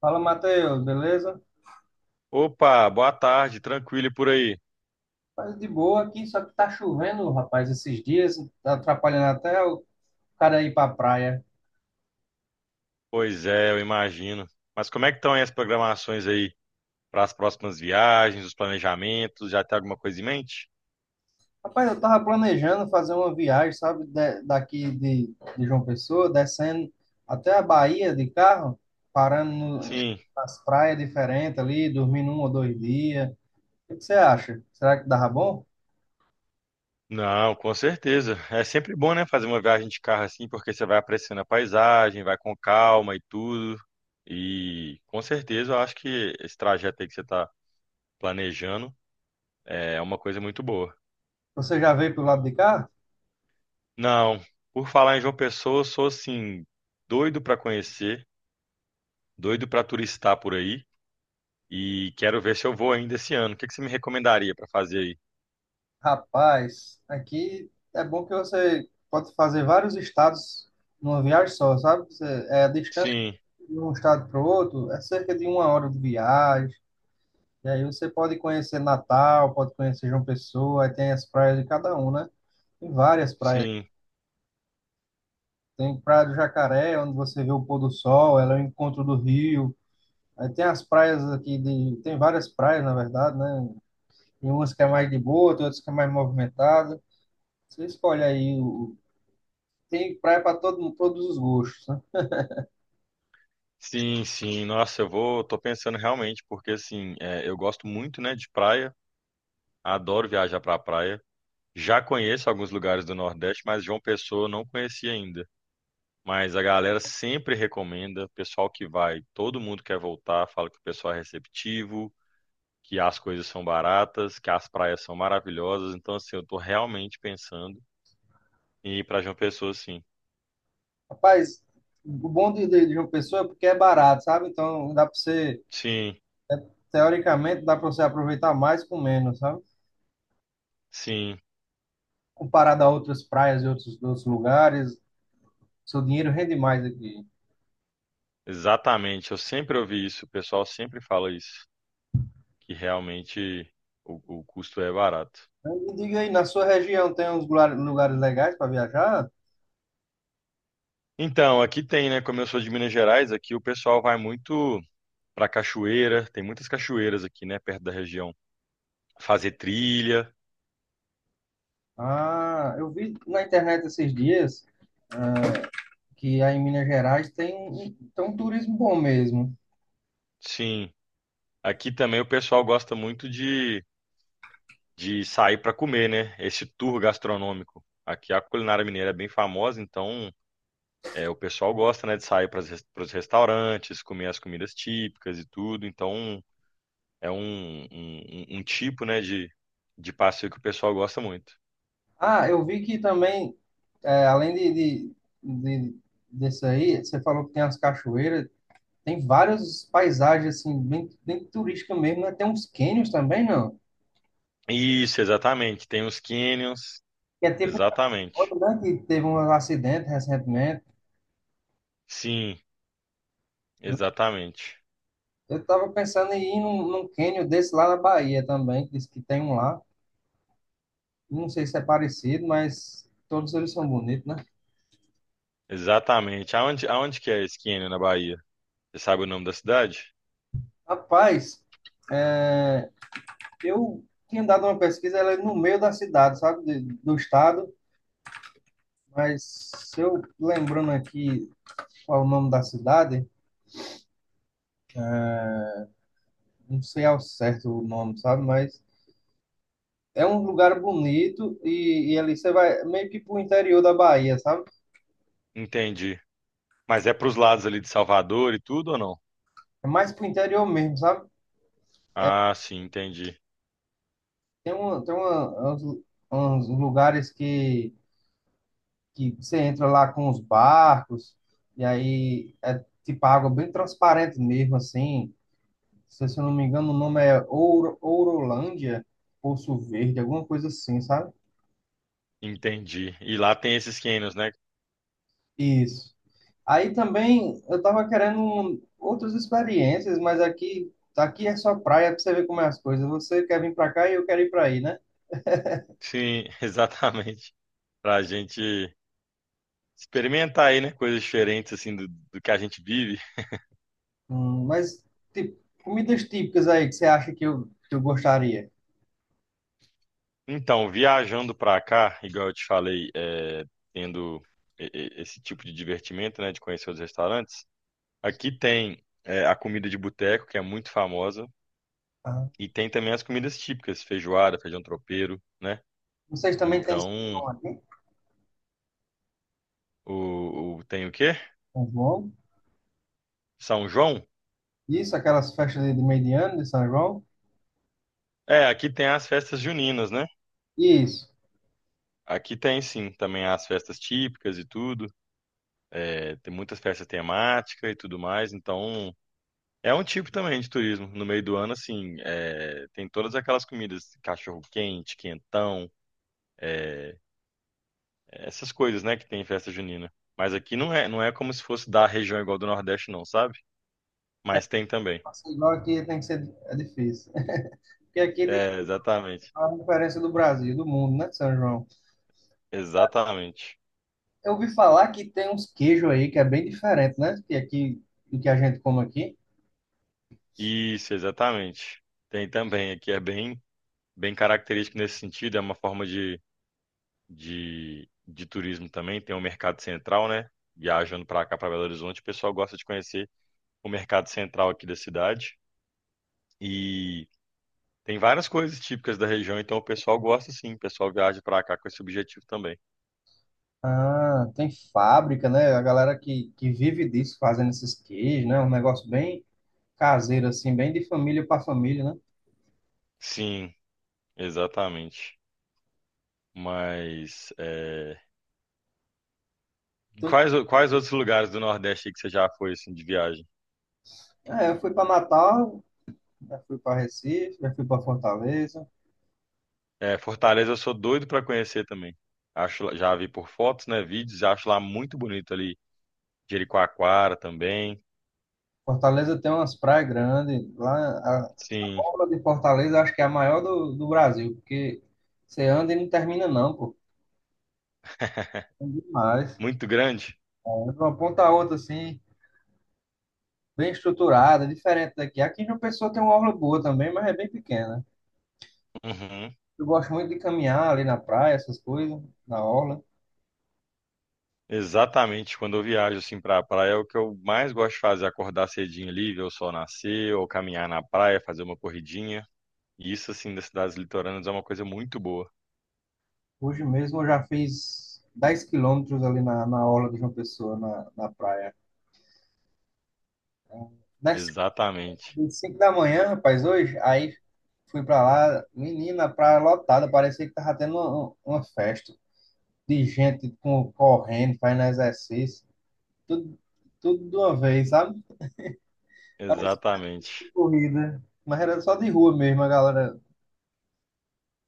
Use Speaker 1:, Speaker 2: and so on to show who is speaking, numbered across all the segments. Speaker 1: Fala, Matheus, beleza?
Speaker 2: Opa, boa tarde, tranquilo e por aí?
Speaker 1: Mas de boa aqui, só que tá chovendo, rapaz, esses dias, tá atrapalhando até o cara ir pra praia.
Speaker 2: Pois é, eu imagino. Mas como é que estão aí as programações aí para as próximas viagens, os planejamentos? Já tem alguma coisa em mente?
Speaker 1: Rapaz, eu tava planejando fazer uma viagem, sabe, de João Pessoa, descendo até a Bahia de carro, parando no-
Speaker 2: Sim,
Speaker 1: nas praias diferentes ali, dormindo um ou dois dias. O que que você acha? Será que dava bom?
Speaker 2: não, com certeza. É sempre bom, né, fazer uma viagem de carro assim, porque você vai apreciando a paisagem, vai com calma e tudo. E com certeza eu acho que esse trajeto aí que você está planejando é uma coisa muito boa.
Speaker 1: Você já veio pro lado de cá?
Speaker 2: Não, por falar em João Pessoa, eu sou assim, doido para conhecer, doido para turistar por aí. E quero ver se eu vou ainda esse ano. O que que você me recomendaria para fazer aí?
Speaker 1: Rapaz, aqui é bom que você pode fazer vários estados numa viagem só, sabe? Você, é a distância
Speaker 2: Sim,
Speaker 1: de um estado para o outro, é cerca de uma hora de viagem. E aí você pode conhecer Natal, pode conhecer João Pessoa, aí tem as praias de cada um, né? Tem várias praias.
Speaker 2: sim,
Speaker 1: Tem Praia do Jacaré, onde você vê o pôr do sol, ela é o encontro do rio. Aí tem as praias aqui de, tem várias praias, na verdade, né? Tem umas que é mais de boa, tem outras que é mais movimentada. Você escolhe aí, o tem praia para todo mundo, todos os gostos, né?
Speaker 2: sim, sim. Nossa, eu vou, tô pensando realmente, porque assim, é, eu gosto muito, né, de praia, adoro viajar pra praia. Já conheço alguns lugares do Nordeste, mas João Pessoa eu não conheci ainda. Mas a galera sempre recomenda, o pessoal que vai, todo mundo quer voltar, fala que o pessoal é receptivo, que as coisas são baratas, que as praias são maravilhosas. Então, assim, eu tô realmente pensando em ir pra João Pessoa, sim.
Speaker 1: Rapaz, o bom de, de João Pessoa é porque é barato, sabe? Então dá para você,
Speaker 2: Sim,
Speaker 1: teoricamente, dá para você aproveitar mais com menos, sabe?
Speaker 2: sim,
Speaker 1: Comparado a outras praias e outros, outros lugares, seu dinheiro rende mais aqui.
Speaker 2: exatamente. Eu sempre ouvi isso, o pessoal sempre fala isso, que realmente o custo é barato.
Speaker 1: Então, me diga aí, na sua região tem uns lugares legais para viajar?
Speaker 2: Então, aqui tem, né? Como eu sou de Minas Gerais, aqui o pessoal vai muito pra cachoeira, tem muitas cachoeiras aqui, né, perto da região. Fazer trilha,
Speaker 1: Ah, eu vi na internet esses dias, ah, que aí em Minas Gerais tem, tem um turismo bom mesmo.
Speaker 2: sim. Aqui também o pessoal gosta muito de sair pra comer, né? Esse tour gastronômico. Aqui a culinária mineira é bem famosa, então é, o pessoal gosta, né, de sair para os restaurantes, comer as comidas típicas e tudo. Então, é um, um tipo, né, de passeio que o pessoal gosta muito.
Speaker 1: Ah, eu vi que também, é, além de, de- desse aí, você falou que tem as cachoeiras, tem várias paisagens, assim, bem, bem turística mesmo, né? Tem uns cânions também, não?
Speaker 2: Isso, exatamente. Tem os canyons,
Speaker 1: Que é tipo,
Speaker 2: exatamente.
Speaker 1: outro, né, que teve um acidente recentemente.
Speaker 2: Sim, exatamente.
Speaker 1: Eu tava pensando em ir num, num cânion desse lá na Bahia também, que diz que tem um lá. Não sei se é parecido, mas todos eles são bonitos, né?
Speaker 2: Exatamente. Aonde, aonde que é esse canyon na Bahia? Você sabe o nome da cidade?
Speaker 1: Rapaz, é, eu tinha dado uma pesquisa, ela é no meio da cidade, sabe? Do estado. Mas se eu lembrando aqui qual o nome da cidade, não sei ao certo o nome, sabe? Mas é um lugar bonito e ali você vai meio que pro interior da Bahia, sabe?
Speaker 2: Entendi. Mas é pros lados ali de Salvador e tudo ou não?
Speaker 1: É mais pro interior mesmo, sabe?
Speaker 2: Ah, sim, entendi.
Speaker 1: Tem, uma, tem uma, uns, uns lugares que você entra lá com os barcos e aí é tipo água bem transparente mesmo, assim. Se, eu não me engano, o nome é Ouro, Ourolândia, Poço Verde, alguma coisa assim, sabe?
Speaker 2: Entendi. E lá tem esses canyons, né?
Speaker 1: Isso. Aí também eu tava querendo outras experiências, mas aqui, aqui é só praia pra você ver como é as coisas. Você quer vir pra cá e eu quero ir pra aí, né?
Speaker 2: Sim, exatamente. Pra gente experimentar aí, né? Coisas diferentes, assim, do que a gente vive.
Speaker 1: Mas tipo, comidas típicas aí que você acha que eu gostaria.
Speaker 2: Então, viajando para cá, igual eu te falei, é, tendo esse tipo de divertimento, né, de conhecer os restaurantes, aqui tem é, a comida de boteco, que é muito famosa,
Speaker 1: Ah,
Speaker 2: e tem também as comidas típicas, feijoada, feijão tropeiro, né?
Speaker 1: vocês também têm São
Speaker 2: Então,
Speaker 1: João aqui?
Speaker 2: tem o quê?
Speaker 1: São João?
Speaker 2: São João?
Speaker 1: Isso, aquelas festas de meio de ano de São João?
Speaker 2: É, aqui tem as festas juninas, né?
Speaker 1: Isso.
Speaker 2: Aqui tem sim, também as festas típicas e tudo, é, tem muitas festas temáticas e tudo mais, então é um tipo também de turismo. No meio do ano, assim, é, tem todas aquelas comidas, cachorro quente, quentão, essas coisas, né, que tem em festa junina. Mas aqui não é, não é como se fosse da região igual do Nordeste, não, sabe? Mas tem também.
Speaker 1: Assim, igual aqui tem que ser é difícil. Porque aqui é
Speaker 2: É, exatamente.
Speaker 1: a diferença do Brasil, do mundo, né, São João?
Speaker 2: Exatamente.
Speaker 1: Eu ouvi falar que tem uns queijos aí que é bem diferente, né? Que aqui, do que a gente come aqui.
Speaker 2: Isso, exatamente. Tem também. Aqui é bem, bem característico nesse sentido. É uma forma de turismo também. Tem o mercado central, né? Viajando para cá, para Belo Horizonte, o pessoal gosta de conhecer o mercado central aqui da cidade. E tem várias coisas típicas da região, então o pessoal gosta sim, o pessoal viaja pra cá com esse objetivo também.
Speaker 1: Ah, tem fábrica, né? A galera que vive disso, fazendo esses queijos, né? Um negócio bem caseiro, assim, bem de família para família, né?
Speaker 2: Sim, exatamente. Mas é,
Speaker 1: Tô-
Speaker 2: quais, quais outros lugares do Nordeste aí que você já foi assim de viagem?
Speaker 1: é, eu fui para Natal, já fui para Recife, já fui para Fortaleza.
Speaker 2: É, Fortaleza eu sou doido pra conhecer também. Acho, já vi por fotos, né, vídeos, acho lá muito bonito ali. Jericoacoara também.
Speaker 1: Fortaleza tem umas praias grandes. Lá, a
Speaker 2: Sim,
Speaker 1: orla de Fortaleza acho que é a maior do, do Brasil, porque você anda e não termina, não, pô. É demais.
Speaker 2: muito grande.
Speaker 1: É de uma ponta a outra, assim, bem estruturada, diferente daqui. Aqui em João Pessoa tem uma orla boa também, mas é bem pequena.
Speaker 2: Uhum.
Speaker 1: Eu gosto muito de caminhar ali na praia, essas coisas, na orla.
Speaker 2: Exatamente, quando eu viajo assim pra praia, é o que eu mais gosto de fazer, é acordar cedinho ali, ver o sol nascer, ou caminhar na praia, fazer uma corridinha. E isso assim das cidades litorâneas é uma coisa muito boa.
Speaker 1: Hoje mesmo eu já fiz 10 km ali na, na orla de João Pessoa, na, na praia. Das
Speaker 2: Exatamente,
Speaker 1: 5 da manhã, rapaz, hoje, aí fui pra lá, menina, a praia lotada, parecia que tava tendo uma festa de gente com, correndo, fazendo exercício, tudo, tudo de uma vez, sabe? Parecia
Speaker 2: exatamente.
Speaker 1: corrida, mas era só de rua mesmo, a galera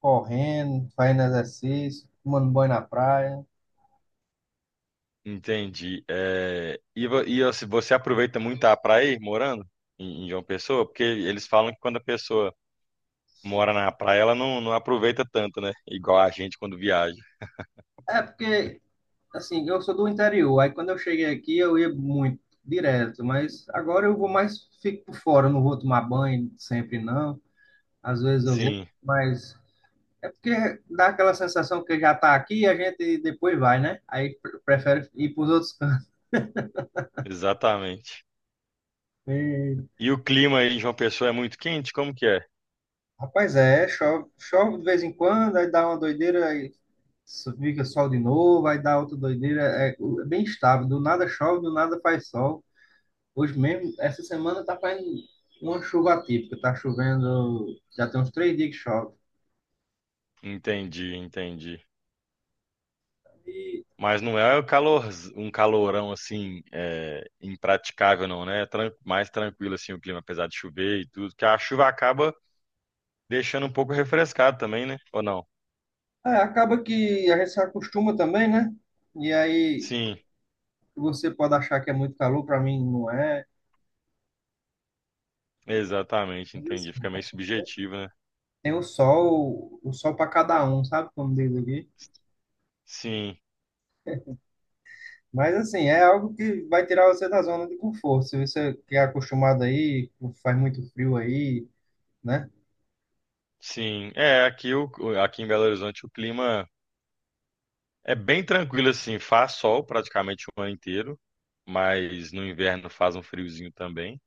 Speaker 1: correndo, fazendo exercício, tomando banho na praia.
Speaker 2: Entendi. É, e, e você aproveita muito a praia aí, morando em, em João Pessoa? Porque eles falam que quando a pessoa mora na praia, ela não, não aproveita tanto, né? Igual a gente quando viaja.
Speaker 1: É porque, assim, eu sou do interior, aí quando eu cheguei aqui eu ia muito, direto, mas agora eu vou mais, fico por fora, eu não vou tomar banho sempre não, às vezes eu vou,
Speaker 2: Sim,
Speaker 1: mas é porque dá aquela sensação que já tá aqui e a gente depois vai, né? Aí prefere ir para os outros cantos.
Speaker 2: exatamente. E o clima aí em João Pessoa é muito quente? Como que é?
Speaker 1: Rapaz, é, chove, chove de vez em quando, aí dá uma doideira, aí fica sol de novo, aí dá outra doideira, é, é bem estável, do nada chove, do nada faz sol. Hoje mesmo, essa semana tá fazendo uma chuva atípica, tá chovendo, já tem uns 3 dias que chove.
Speaker 2: Entendi, entendi.
Speaker 1: E
Speaker 2: Mas não é o calor, um calorão assim, é, impraticável, não, né? É mais tranquilo assim o clima, apesar de chover e tudo, que a chuva acaba deixando um pouco refrescado também, né? Ou não?
Speaker 1: é, acaba que a gente se acostuma também, né? E aí
Speaker 2: Sim,
Speaker 1: você pode achar que é muito calor, para mim não é.
Speaker 2: exatamente,
Speaker 1: Mas
Speaker 2: entendi.
Speaker 1: assim,
Speaker 2: Fica meio subjetivo, né?
Speaker 1: tem o sol para cada um, sabe como diz aqui?
Speaker 2: Sim,
Speaker 1: Mas assim, é algo que vai tirar você da zona de conforto. Se você que é acostumado aí, faz muito frio aí, né?
Speaker 2: sim. É, aqui, o, aqui em Belo Horizonte o clima é bem tranquilo assim, faz sol praticamente o ano inteiro, mas no inverno faz um friozinho também.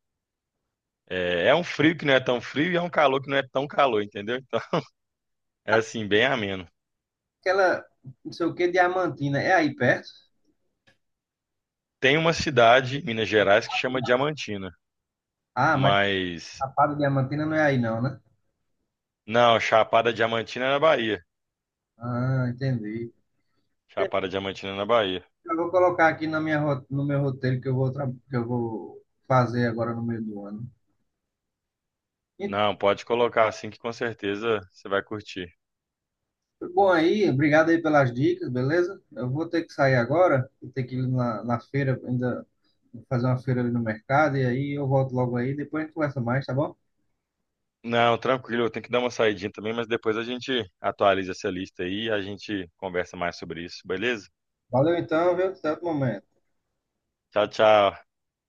Speaker 2: É, é um frio que não é tão frio e é um calor que não é tão calor, entendeu? Então, é assim, bem ameno.
Speaker 1: Aquela, não sei o que, Diamantina, é aí perto?
Speaker 2: Tem uma cidade em Minas Gerais que chama Diamantina,
Speaker 1: Ah, mas
Speaker 2: mas
Speaker 1: a Chapada Diamantina não é aí não, né?
Speaker 2: não, Chapada Diamantina é na Bahia.
Speaker 1: Ah, entendi.
Speaker 2: Chapada Diamantina é na Bahia.
Speaker 1: Eu vou colocar aqui na minha, no meu roteiro que eu vou, que eu vou fazer agora no meio do ano. E,
Speaker 2: Não, pode colocar assim que com certeza você vai curtir.
Speaker 1: bom aí, obrigado aí pelas dicas, beleza? Eu vou ter que sair agora, vou ter que ir na, na feira ainda. Vou fazer uma feira ali no mercado e aí eu volto logo aí. Depois a gente conversa mais, tá bom?
Speaker 2: Não, tranquilo, eu tenho que dar uma saidinha também, mas depois a gente atualiza essa lista aí e a gente conversa mais sobre isso, beleza?
Speaker 1: Valeu então, viu? Até outro momento.
Speaker 2: Tchau, tchau.